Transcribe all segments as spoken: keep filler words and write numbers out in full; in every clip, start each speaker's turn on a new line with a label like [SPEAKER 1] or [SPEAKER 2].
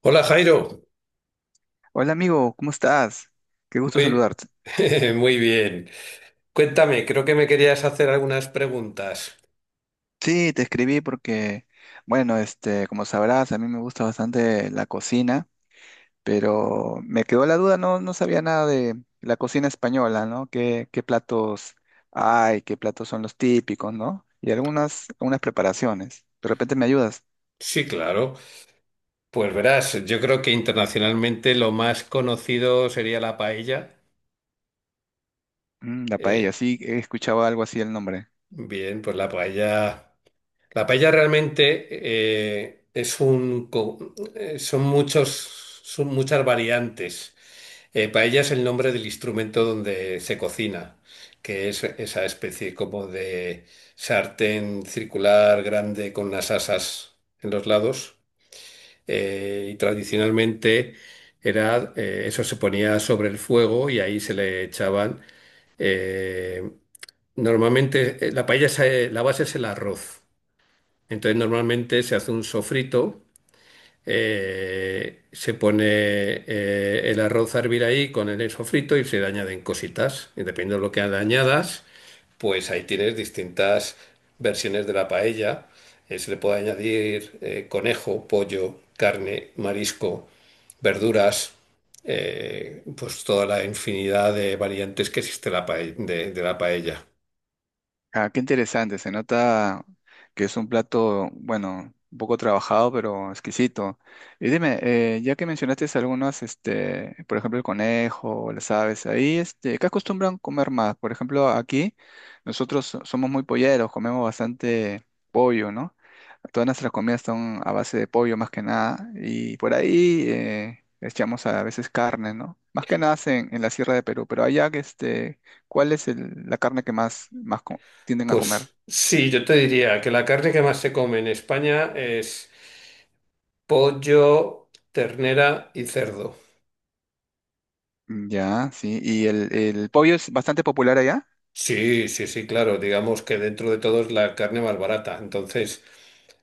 [SPEAKER 1] Hola Jairo,
[SPEAKER 2] Hola amigo, ¿cómo estás? Qué gusto
[SPEAKER 1] muy,
[SPEAKER 2] saludarte.
[SPEAKER 1] muy bien. Cuéntame, creo que me querías hacer algunas preguntas.
[SPEAKER 2] Sí, te escribí porque, bueno, este, como sabrás, a mí me gusta bastante la cocina, pero me quedó la duda, no, no sabía nada de la cocina española, ¿no? ¿Qué, qué platos hay? ¿Qué platos son los típicos, ¿no? Y algunas, algunas preparaciones. De repente me ayudas.
[SPEAKER 1] Sí, claro. Pues verás, yo creo que internacionalmente lo más conocido sería la paella.
[SPEAKER 2] Mm, la paella,
[SPEAKER 1] Eh,
[SPEAKER 2] sí, he escuchado algo así el nombre.
[SPEAKER 1] Bien, pues la paella, la paella realmente eh, es un, co- eh, son muchos, son muchas variantes. Eh, paella es el nombre del instrumento donde se cocina, que es esa especie como de sartén circular grande con unas asas en los lados. Eh, y tradicionalmente era, eh, eso se ponía sobre el fuego y ahí se le echaban. eh, Normalmente eh, la paella, se- la base es el arroz. Entonces normalmente se hace un sofrito eh, se pone eh, el arroz a hervir ahí con el sofrito y se le añaden cositas. Y dependiendo de lo que le añadas, pues ahí tienes distintas versiones de la paella. Eh, se le puede añadir eh, conejo, pollo, carne, marisco, verduras. Eh, pues toda la infinidad de variantes que existe la pae- de de la paella.
[SPEAKER 2] Ah, qué interesante, se nota que es un plato, bueno, un poco trabajado, pero exquisito. Y dime, eh, ya que mencionaste algunos, este, por ejemplo, el conejo, o las aves, ahí, este, ¿qué acostumbran comer más? Por ejemplo, aquí nosotros so- somos muy polleros, comemos bastante pollo, ¿no? Todas nuestras comidas son a base de pollo más que nada, y por ahí eh, echamos a veces carne, ¿no? Más que nada en, en la Sierra de Perú, pero allá, que este, ¿cuál es el- la carne que más, más, tienden a comer.
[SPEAKER 1] Pues sí, yo te diría que la carne que más se come en España es pollo, ternera y cerdo.
[SPEAKER 2] Mm, ya, sí. ¿Y el, el pollo es bastante popular allá?
[SPEAKER 1] Sí, sí, sí, claro. Digamos que dentro de todo es la carne más barata. Entonces,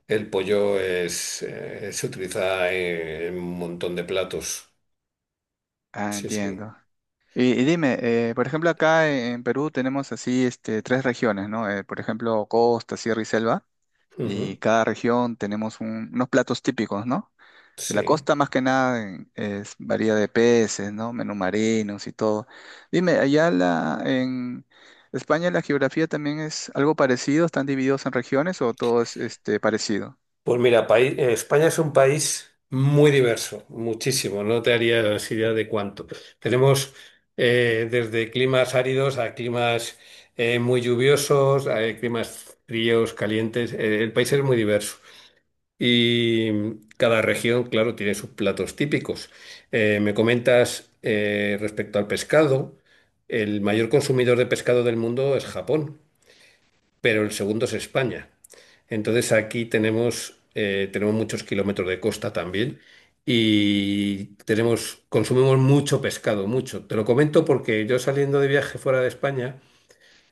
[SPEAKER 1] el pollo es, eh, se utiliza en, en un montón de platos.
[SPEAKER 2] Ah,
[SPEAKER 1] Sí, sí.
[SPEAKER 2] entiendo. Y, y dime, eh, por ejemplo, acá e, en Perú tenemos así este, tres regiones, ¿no? Eh, por ejemplo, costa, sierra y selva. Y
[SPEAKER 1] Ujú,
[SPEAKER 2] cada región tenemos un- unos platos típicos, ¿no? De la
[SPEAKER 1] sí.
[SPEAKER 2] costa más que nada en- es varía de peces, ¿no? Menú marinos y todo. Dime, allá la, en España la geografía también es algo parecido, ¿están divididos en regiones o todo es este, parecido?
[SPEAKER 1] Pues mira, paí- eh, España es un país muy diverso, muchísimo. No te harías idea de cuánto. Tenemos eh, desde climas áridos a climas eh, muy lluviosos, a climas fríos, calientes. Eh, el país es muy diverso. Y mm, cada región, claro, tiene sus platos típicos. Eh, me comentas eh, respecto al pescado, el mayor consumidor de pescado del mundo es Japón, pero el segundo es España. Entonces aquí tenemos, eh, tenemos muchos kilómetros de costa también y tenemos, consumimos mucho pescado, mucho. Te lo comento porque yo saliendo de viaje fuera de España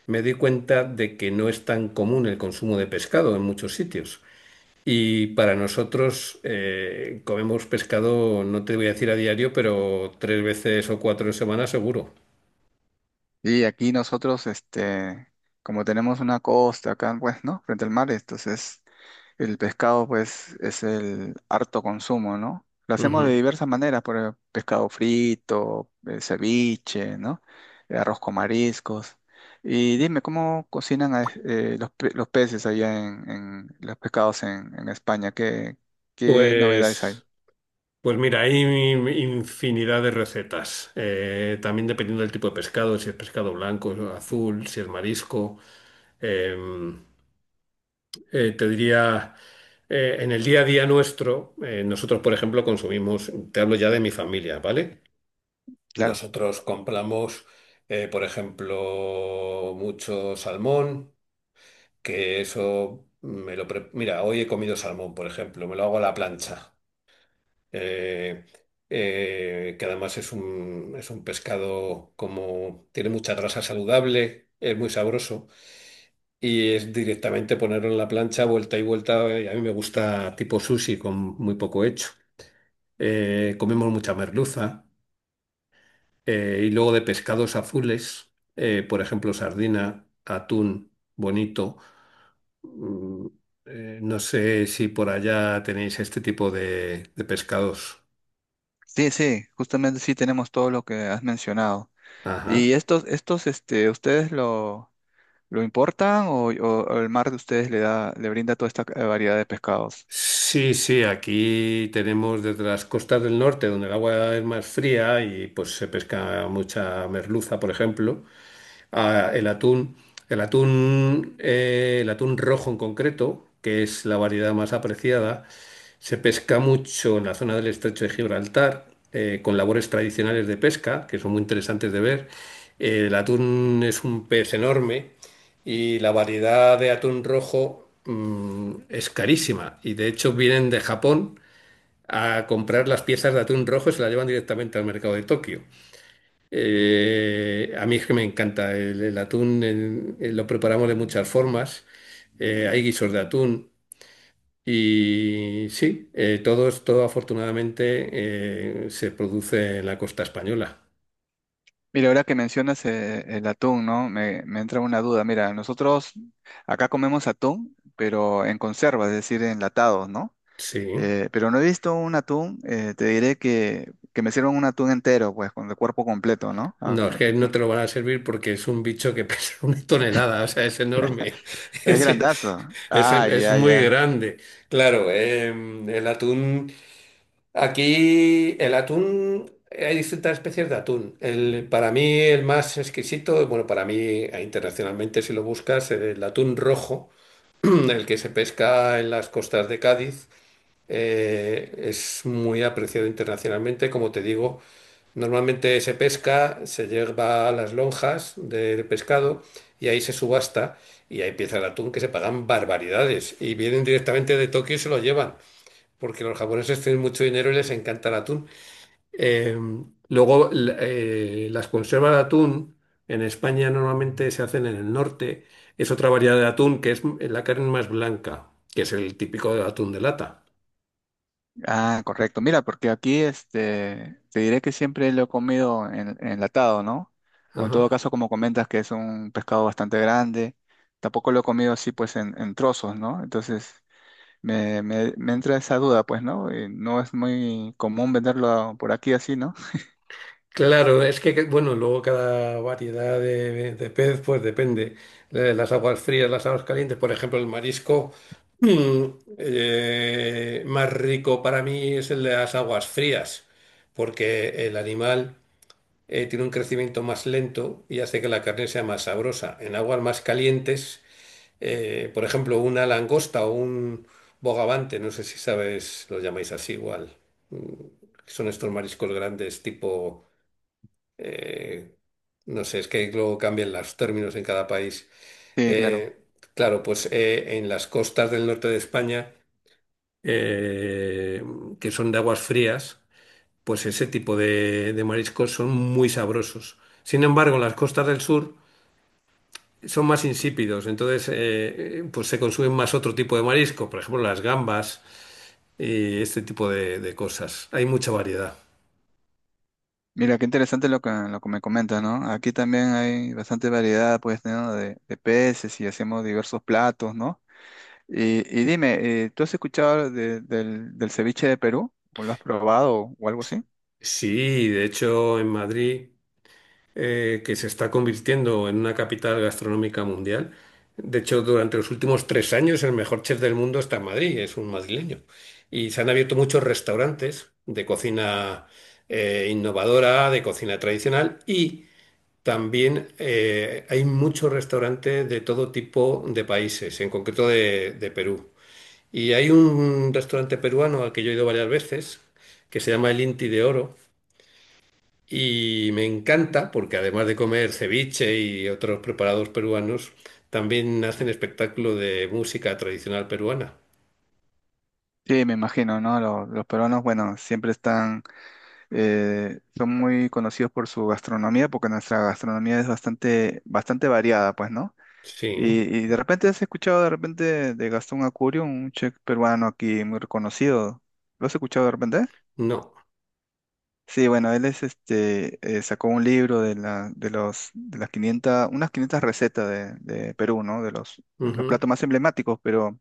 [SPEAKER 1] me di cuenta de que no es tan común el consumo de pescado en muchos sitios. Y para nosotros eh, comemos pescado, no te voy a decir a diario, pero tres veces o cuatro en semana seguro.
[SPEAKER 2] Y aquí nosotros, este, como tenemos una costa acá, pues, ¿no? Frente al mar, entonces el pescado, pues, es el harto consumo, ¿no? Lo hacemos de
[SPEAKER 1] Ujú.
[SPEAKER 2] diversas maneras, por ejemplo, pescado frito, eh, ceviche, ¿no? Eh, Arroz con mariscos. Y dime, ¿cómo cocinan a- eh, los, pe- los peces allá en, en los pescados en, en España? ¿Qué, qué novedades hay?
[SPEAKER 1] Pues, pues mira, hay infinidad de recetas. Eh, también dependiendo del tipo de pescado, si es pescado blanco, azul, si es marisco. Eh, eh, Te diría, eh, en el día a día nuestro, eh, nosotros, por ejemplo, consumimos, te hablo ya de mi familia, ¿vale?
[SPEAKER 2] Claro.
[SPEAKER 1] Nosotros compramos, eh, por ejemplo, mucho salmón, que eso me lo... pre- Mira, hoy he comido salmón, por ejemplo, me lo hago a la plancha, eh, eh, que además es un, es un pescado como... tiene mucha grasa saludable, es muy sabroso, y es directamente ponerlo en la plancha, vuelta y vuelta, y a mí me gusta tipo sushi con muy poco hecho. Eh, comemos mucha merluza. Eh, y luego de pescados azules, eh, por ejemplo, sardina, atún, bonito. Mm, eh, no sé si por allá tenéis este tipo de, de pescados.
[SPEAKER 2] Sí, sí, justamente sí tenemos todo lo que has mencionado. ¿Y
[SPEAKER 1] Ajá.
[SPEAKER 2] estos, estos, este, ustedes lo, lo importan o, o- o el mar de ustedes le da, le brinda toda esta eh, variedad de pescados?
[SPEAKER 1] Sí, sí, aquí tenemos desde las costas del norte, donde el agua es más fría y pues se pesca mucha merluza, por ejemplo. Ah, el atún, el atún, eh, el atún rojo en concreto, que es la variedad más apreciada, se pesca mucho en la zona del estrecho de Gibraltar, eh, con labores tradicionales de pesca, que son muy interesantes de ver. Eh, el atún es un pez enorme y la variedad de atún rojo, mm, es carísima. Y de hecho vienen de Japón a comprar las piezas de atún rojo y se las llevan directamente al mercado de Tokio. Eh, a mí es que me encanta el, el atún, en- eh, lo preparamos de muchas formas. Eh, hay guisos de atún y sí, eh, todo, es- todo afortunadamente eh, se produce en la costa española.
[SPEAKER 2] Mira, ahora que mencionas eh, el atún, ¿no? Me, me entra una duda. Mira, nosotros acá comemos atún, pero en conserva, es decir, enlatados, ¿no?
[SPEAKER 1] Sí.
[SPEAKER 2] Eh, pero no he visto un atún, eh, te diré que, que me sirvan un atún entero, pues, con el cuerpo completo, ¿no? Ah,
[SPEAKER 1] No, es
[SPEAKER 2] eh,
[SPEAKER 1] que no te
[SPEAKER 2] nunca.
[SPEAKER 1] lo van a servir porque es un bicho que pesa una tonelada, o sea, es enorme.
[SPEAKER 2] Es grandazo.
[SPEAKER 1] Es, es,
[SPEAKER 2] Ah,
[SPEAKER 1] es
[SPEAKER 2] ya,
[SPEAKER 1] muy
[SPEAKER 2] ya.
[SPEAKER 1] grande. Claro, eh, el atún. Aquí el atún, hay distintas especies de atún. El, para mí el más exquisito, bueno, para mí eh, internacionalmente si lo buscas, el atún rojo, el que se pesca en las costas de Cádiz, eh, es muy apreciado internacionalmente. Como te digo, normalmente se pesca, se lleva a las lonjas del pescado y ahí se subasta y ahí empieza el atún que se pagan barbaridades y vienen directamente de Tokio y se lo llevan porque los japoneses tienen mucho dinero y les encanta el atún. Eh, luego, l- eh, las conservas de atún en España normalmente se hacen en el norte. Es otra variedad de atún que es m- la carne más blanca, que es el típico de atún de lata.
[SPEAKER 2] Ah, correcto. Mira, porque aquí este, te diré que siempre lo he comido en- enlatado, ¿no? O en todo
[SPEAKER 1] Ajá.
[SPEAKER 2] caso, como comentas, que es un pescado bastante grande, tampoco lo he comido así, pues, en, en trozos, ¿no? Entonces, me, me, me entra esa duda, pues, ¿no? Eh, no es muy común venderlo por aquí así, ¿no?
[SPEAKER 1] Claro, es que, que- bueno, luego cada variedad de, de pez, pues depende. Eh, Las aguas frías, las aguas calientes, por ejemplo, el marisco mm, eh, más rico para mí es el de las aguas frías, porque el animal eh, tiene un crecimiento más lento y hace que la carne sea más sabrosa. En aguas más calientes, eh, por ejemplo, una langosta o un bogavante, no sé si sabes, lo llamáis así igual. Mm, son estos mariscos grandes tipo, eh, no sé, es que luego cambian los términos en cada país.
[SPEAKER 2] Sí, claro.
[SPEAKER 1] Eh, claro, pues eh, en las costas del norte de España, eh, que son de aguas frías, pues ese tipo de, de mariscos son muy sabrosos. Sin embargo, en las costas del sur son más insípidos, entonces eh, pues se consumen más otro tipo de marisco, por ejemplo las gambas y este tipo de, de cosas. Hay mucha variedad.
[SPEAKER 2] Mira, qué interesante lo que, lo que me comentas, ¿no? Aquí también hay bastante variedad, pues, ¿no? De, de peces y hacemos diversos platos, ¿no? Y, y dime, eh, ¿tú has escuchado de- del, del ceviche de Perú? ¿O lo has probado o algo así?
[SPEAKER 1] Sí, de hecho en Madrid eh, que se está convirtiendo en una capital gastronómica mundial. De hecho, durante los últimos tres años el mejor chef del mundo está en Madrid, es un madrileño. Y se han abierto muchos restaurantes de cocina eh, innovadora, de cocina tradicional y también eh, hay muchos restaurantes de todo tipo de países, en concreto de, de Perú. Y hay un restaurante peruano al que yo he ido varias veces, que se llama El Inti de Oro y me encanta porque además de comer ceviche y otros preparados peruanos, también hacen espectáculo de música tradicional peruana.
[SPEAKER 2] Sí, me imagino, ¿no? Los, los peruanos, bueno, siempre están, eh, son muy conocidos por su gastronomía, porque nuestra gastronomía es bastante, bastante variada, pues, ¿no? Y,
[SPEAKER 1] Sí,
[SPEAKER 2] y de repente has escuchado de repente de Gastón Acurio, un chef peruano aquí muy reconocido. ¿Lo has escuchado de repente?
[SPEAKER 1] no,
[SPEAKER 2] Sí, bueno, él es este, eh, sacó un libro de la, de los, de las quinientas, unas quinientas recetas de, de Perú, ¿no? De los, de los
[SPEAKER 1] ujú,
[SPEAKER 2] platos más emblemáticos, pero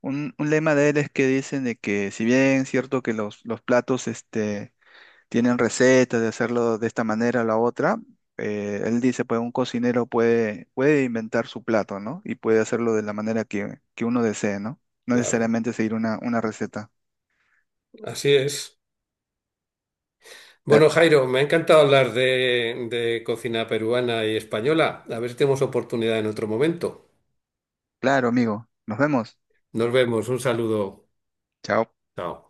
[SPEAKER 2] un, un lema de él es que dicen de que si bien es cierto que los, los platos este, tienen recetas de hacerlo de esta manera o la otra, eh, él dice, pues un cocinero puede, puede inventar su plato, ¿no? Y puede hacerlo de la manera que, que uno desee, ¿no? No
[SPEAKER 1] claro,
[SPEAKER 2] necesariamente seguir una, una receta.
[SPEAKER 1] así es.
[SPEAKER 2] Ah,
[SPEAKER 1] Bueno, Jairo, me ha encantado hablar de, de cocina peruana y española. A ver si tenemos oportunidad en otro momento.
[SPEAKER 2] claro, amigo, nos vemos.
[SPEAKER 1] Nos vemos, un saludo.
[SPEAKER 2] Chao.
[SPEAKER 1] Chao.